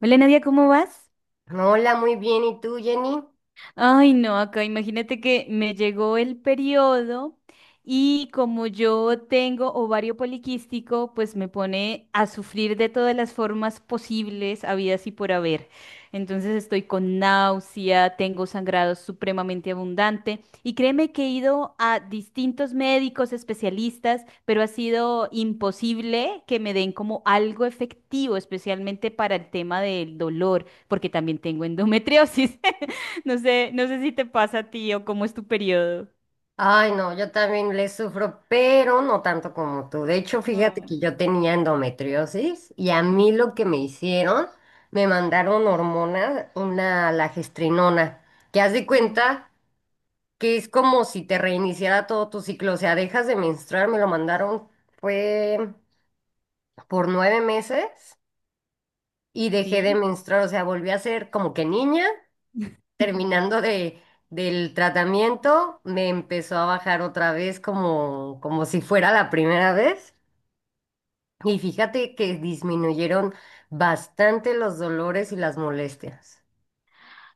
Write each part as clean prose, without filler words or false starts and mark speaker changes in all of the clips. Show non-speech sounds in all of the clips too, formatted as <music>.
Speaker 1: Hola Nadia, ¿cómo vas?
Speaker 2: Hola, muy bien. ¿Y tú, Jenny?
Speaker 1: Ay, no, acá imagínate que me llegó el periodo y como yo tengo ovario poliquístico, pues me pone a sufrir de todas las formas posibles, habidas y por haber. Entonces estoy con náusea, tengo sangrado supremamente abundante y créeme que he ido a distintos médicos especialistas, pero ha sido imposible que me den como algo efectivo, especialmente para el tema del dolor, porque también tengo endometriosis. <laughs> No sé, no sé si te pasa a ti o cómo es tu periodo.
Speaker 2: Ay, no, yo también le sufro, pero no tanto como tú. De hecho, fíjate que
Speaker 1: Mm.
Speaker 2: yo tenía endometriosis y a
Speaker 1: Mm.
Speaker 2: mí lo que me hicieron, me mandaron hormona, una lagestrinona, que haz de
Speaker 1: Oh.
Speaker 2: cuenta que es como si te reiniciara todo tu ciclo. O sea, dejas de menstruar, me lo mandaron, fue por 9 meses y dejé de
Speaker 1: Sí.
Speaker 2: menstruar. O sea, volví a ser como que niña
Speaker 1: <laughs>
Speaker 2: terminando de, del tratamiento, me empezó a bajar otra vez como, como si fuera la primera vez. Y fíjate que disminuyeron bastante los dolores y las molestias.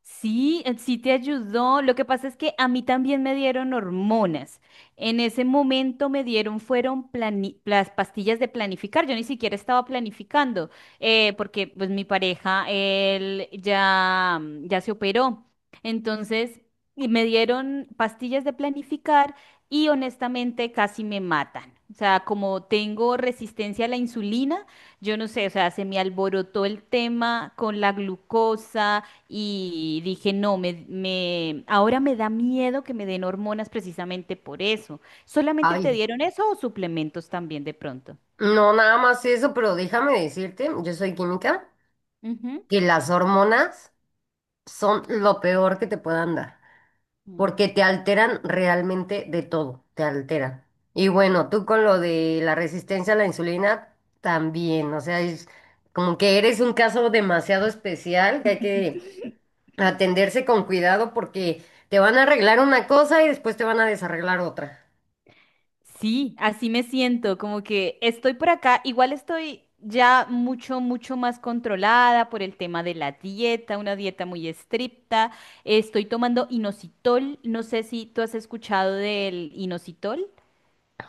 Speaker 1: Sí, sí te ayudó. Lo que pasa es que a mí también me dieron hormonas. En ese momento me dieron, fueron las pastillas de planificar. Yo ni siquiera estaba planificando, porque pues mi pareja, él ya, ya se operó. Entonces, y me dieron pastillas de planificar y honestamente casi me matan. O sea, como tengo resistencia a la insulina, yo no sé, o sea, se me alborotó el tema con la glucosa y dije, no, ahora me da miedo que me den hormonas precisamente por eso. ¿Solamente te
Speaker 2: Ay,
Speaker 1: dieron eso o suplementos también de pronto?
Speaker 2: no, nada más eso, pero déjame decirte, yo soy química,
Speaker 1: Ujú.
Speaker 2: que las hormonas son lo peor que te puedan dar.
Speaker 1: Mm,
Speaker 2: Porque te alteran realmente de todo, te alteran. Y
Speaker 1: mm.
Speaker 2: bueno, tú con lo de la resistencia a la insulina también, o sea, es como que eres un caso demasiado especial que hay que atenderse con cuidado porque te van a arreglar una cosa y después te van a desarreglar otra.
Speaker 1: Sí, así me siento, como que estoy por acá, igual estoy ya mucho, mucho más controlada por el tema de la dieta, una dieta muy estricta. Estoy tomando inositol, no sé si tú has escuchado del inositol.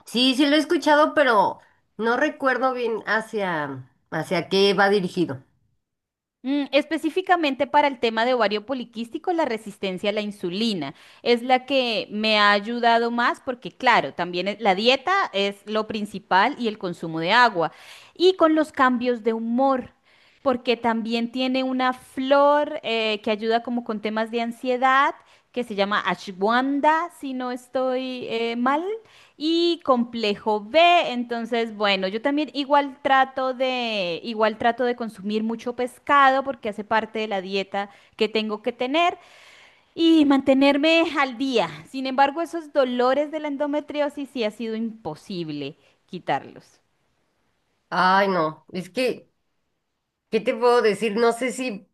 Speaker 2: Sí, sí lo he escuchado, pero no recuerdo bien hacia qué va dirigido.
Speaker 1: Mm, específicamente para el tema de ovario poliquístico, la resistencia a la insulina es la que me ha ayudado más porque, claro, también la dieta es lo principal y el consumo de agua. Y con los cambios de humor, porque también tiene una flor que ayuda como con temas de ansiedad, que se llama ashwanda, si no estoy mal y complejo B. Entonces, bueno, yo también igual trato de consumir mucho pescado porque hace parte de la dieta que tengo que tener y mantenerme al día. Sin embargo, esos dolores de la endometriosis sí ha sido imposible quitarlos.
Speaker 2: Ay, no, es que ¿qué te puedo decir? No sé si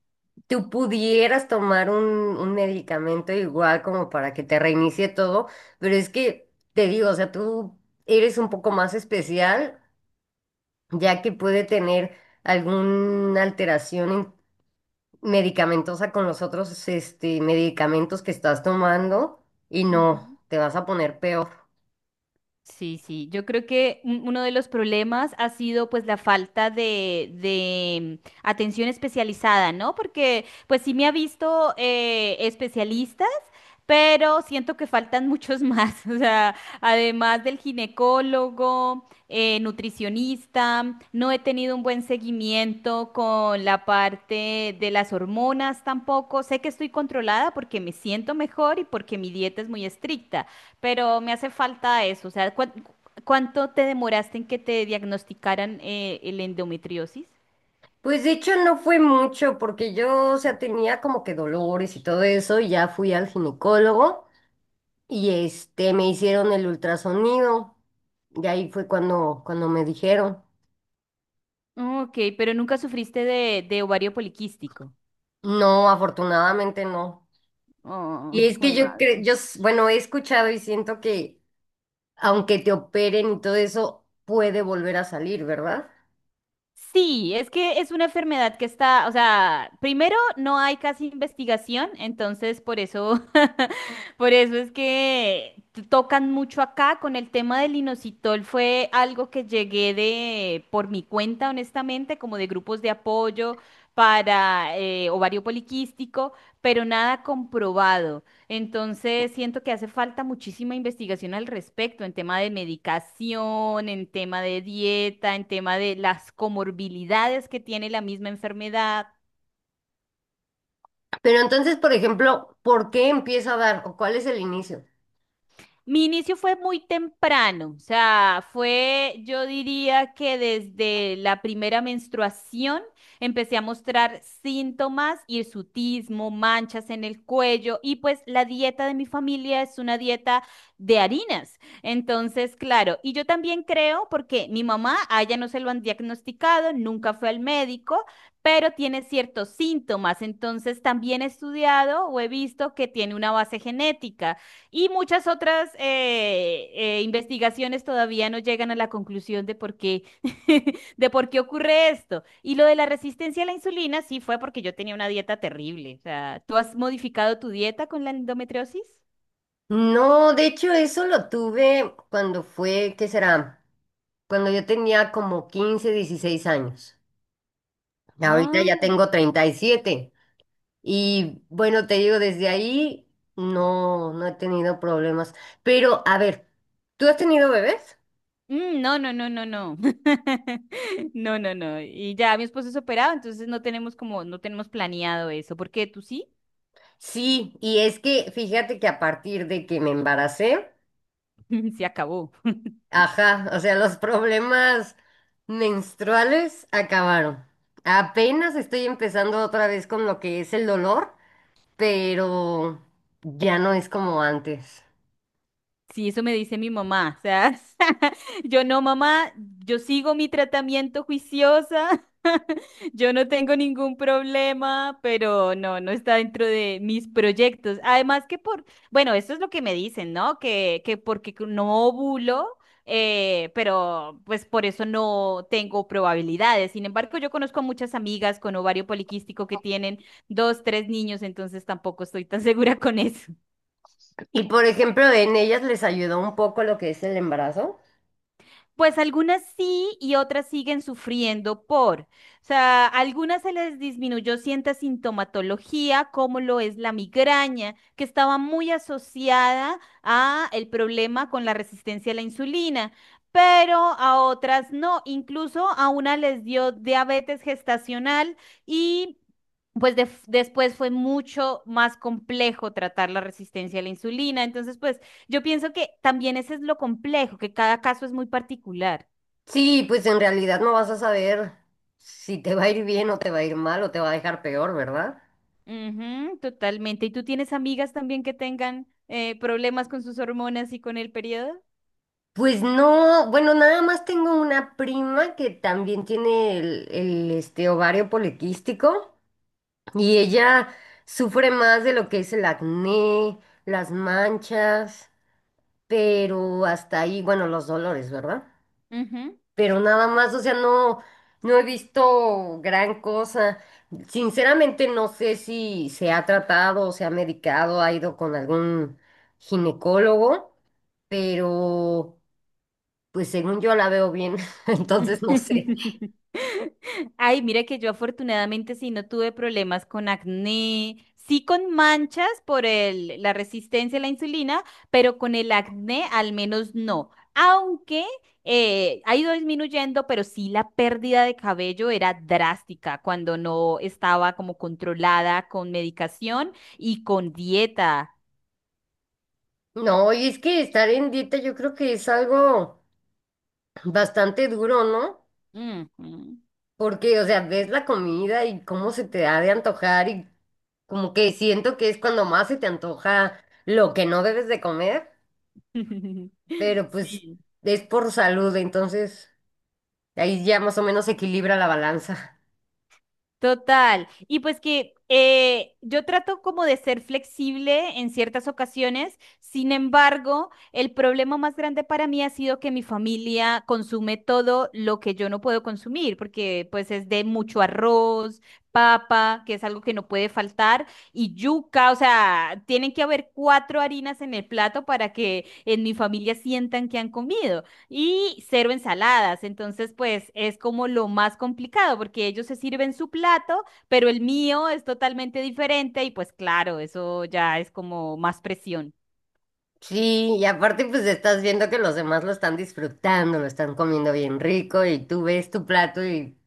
Speaker 2: tú pudieras tomar un medicamento igual como para que te reinicie todo, pero es que te digo, o sea, tú eres un poco más especial, ya que puede tener alguna alteración en- medicamentosa con los otros este, medicamentos que estás tomando y no,
Speaker 1: Ujú.
Speaker 2: te vas a poner peor.
Speaker 1: Sí, sí, yo creo que uno de los problemas ha sido pues la falta de atención especializada, ¿no? Porque pues sí me ha visto especialistas, pero siento que faltan muchos más, <laughs> o sea, además del ginecólogo, nutricionista, no he tenido un buen seguimiento con la parte de las hormonas tampoco, sé que estoy controlada porque me siento mejor y porque mi dieta es muy estricta pero me hace falta eso. O sea, ¿cuánto te demoraste en que te diagnosticaran el endometriosis?
Speaker 2: Pues de hecho no fue mucho porque yo, o sea, tenía como que dolores y todo eso y ya fui al ginecólogo. Y este, me hicieron el ultrasonido. Y ahí fue cuando me dijeron.
Speaker 1: Ok, pero nunca sufriste de ovario poliquístico.
Speaker 2: No, afortunadamente no. Y
Speaker 1: Oh,
Speaker 2: es
Speaker 1: jue
Speaker 2: que yo cre-
Speaker 1: madre.
Speaker 2: yo, s- bueno, he escuchado y siento que aunque te operen y todo eso, puede volver a salir, ¿verdad?
Speaker 1: Sí, es que es una enfermedad que está, o sea, primero no hay casi investigación, entonces por eso, <laughs> por eso es que tocan mucho acá con el tema del inositol, fue algo que llegué de por mi cuenta, honestamente, como de grupos de apoyo para ovario poliquístico, pero nada comprobado. Entonces, siento que hace falta muchísima investigación al respecto en tema de medicación, en tema de dieta, en tema de las comorbilidades que tiene la misma enfermedad.
Speaker 2: Pero entonces, por ejemplo, ¿por qué empieza a dar o cuál es el inicio?
Speaker 1: Mi inicio fue muy temprano, o sea, fue, yo diría que desde la primera menstruación empecé a mostrar síntomas, hirsutismo, manchas en el cuello y pues la dieta de mi familia es una dieta de harinas. Entonces, claro, y yo también creo porque mi mamá, a ella no se lo han diagnosticado, nunca fue al médico, pero tiene ciertos síntomas. Entonces, también he estudiado o he visto que tiene una base genética. Y muchas otras investigaciones todavía no llegan a la conclusión de por qué, <laughs> de por qué ocurre esto. Y lo de la resistencia a la insulina sí fue porque yo tenía una dieta terrible. O sea, ¿tú has modificado tu dieta con la endometriosis?
Speaker 2: No, de hecho, eso lo tuve cuando fue, ¿qué será? Cuando yo tenía como 15 16 años. Ahorita ya
Speaker 1: Ah.
Speaker 2: tengo 37. Y bueno, te digo, desde ahí no, no he tenido problemas. Pero, a ver, ¿tú has tenido bebés?
Speaker 1: Mm, no, no, no, no, no. <laughs> No, no, no. Y ya mi esposo es operado, entonces no tenemos como, no tenemos planeado eso, porque tú sí,
Speaker 2: Sí, y es que fíjate que a partir de que me embaracé,
Speaker 1: <laughs> se acabó. <laughs>
Speaker 2: ajá, o sea, los problemas menstruales acabaron. Apenas estoy empezando otra vez con lo que es el dolor, pero ya no es como antes.
Speaker 1: Sí, eso me dice mi mamá. O sea, <laughs> yo no, mamá, yo sigo mi tratamiento juiciosa, <laughs> yo no tengo ningún problema, pero no, no está dentro de mis proyectos. Además que por, bueno, eso es lo que me dicen, ¿no? Que porque que no ovulo, pero pues por eso no tengo probabilidades. Sin embargo, yo conozco a muchas amigas con ovario poliquístico que tienen dos, tres niños, entonces tampoco estoy tan <laughs> segura con eso.
Speaker 2: Y por ejemplo, en ellas les ayudó un poco lo que es el embarazo.
Speaker 1: Pues algunas sí y otras siguen sufriendo por. O sea, algunas se les disminuyó cierta sintomatología, como lo es la migraña, que estaba muy asociada a el problema con la resistencia a la insulina, pero a otras no. Incluso a una les dio diabetes gestacional y pues después fue mucho más complejo tratar la resistencia a la insulina. Entonces, pues yo pienso que también ese es lo complejo, que cada caso es muy particular.
Speaker 2: Sí, pues en realidad no vas a saber si te va a ir bien o te va a ir mal o te va a dejar peor, ¿verdad?
Speaker 1: Ujú, totalmente. ¿Y tú tienes amigas también que tengan problemas con sus hormonas y con el periodo?
Speaker 2: Pues no, bueno, nada más tengo una prima que también tiene el, este, ovario poliquístico y ella sufre más de lo que es el acné, las manchas, pero hasta ahí, bueno, los dolores, ¿verdad?
Speaker 1: Ujú.
Speaker 2: Pero nada más, o sea, no, no he visto gran cosa. Sinceramente no sé si se ha tratado o se ha medicado, ha ido con algún ginecólogo, pero pues según yo la veo bien, <laughs> entonces no sé.
Speaker 1: <laughs> Ay, mira que yo afortunadamente sí no tuve problemas con acné, sí con manchas por el, la resistencia a la insulina, pero con el acné al menos no. Aunque ha ido disminuyendo, pero sí la pérdida de cabello era drástica cuando no estaba como controlada con medicación y con dieta.
Speaker 2: No, y es que estar en dieta yo creo que es algo bastante duro, ¿no?
Speaker 1: Ujú.
Speaker 2: Porque, o sea, ves la comida y cómo se te ha de antojar y como que siento que es cuando más se te antoja lo que no debes de comer.
Speaker 1: <laughs>
Speaker 2: Pero pues
Speaker 1: Sí.
Speaker 2: es por salud, entonces ahí ya más o menos se equilibra la balanza.
Speaker 1: Total. Y pues que yo trato como de ser flexible en ciertas ocasiones, sin embargo, el problema más grande para mí ha sido que mi familia consume todo lo que yo no puedo consumir, porque pues es de mucho arroz, papa, que es algo que no puede faltar, y yuca, o sea, tienen que haber cuatro harinas en el plato para que en mi familia sientan que han comido y cero ensaladas. Entonces, pues es como lo más complicado porque ellos se sirven su plato, pero el mío es totalmente diferente y pues claro, eso ya es como más presión.
Speaker 2: Sí, y aparte pues estás viendo que los demás lo están disfrutando, lo están comiendo bien rico y tú ves tu plato y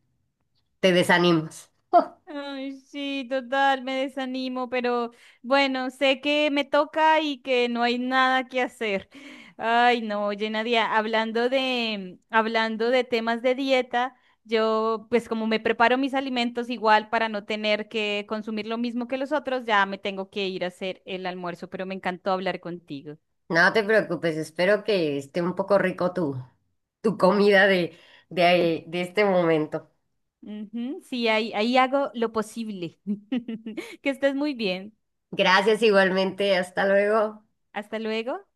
Speaker 2: te desanimas. <laughs>
Speaker 1: Ay, sí, total, me desanimo, pero bueno, sé que me toca y que no hay nada que hacer. Ay, no, oye, Nadia, hablando de temas de dieta, yo pues como me preparo mis alimentos igual para no tener que consumir lo mismo que los otros, ya me tengo que ir a hacer el almuerzo, pero me encantó hablar contigo.
Speaker 2: No te preocupes, espero que esté un poco rico tu, tu comida de este momento.
Speaker 1: Ujú, sí, ahí, ahí hago lo posible. <laughs> Que estés muy bien.
Speaker 2: Gracias igualmente, hasta luego.
Speaker 1: Hasta luego.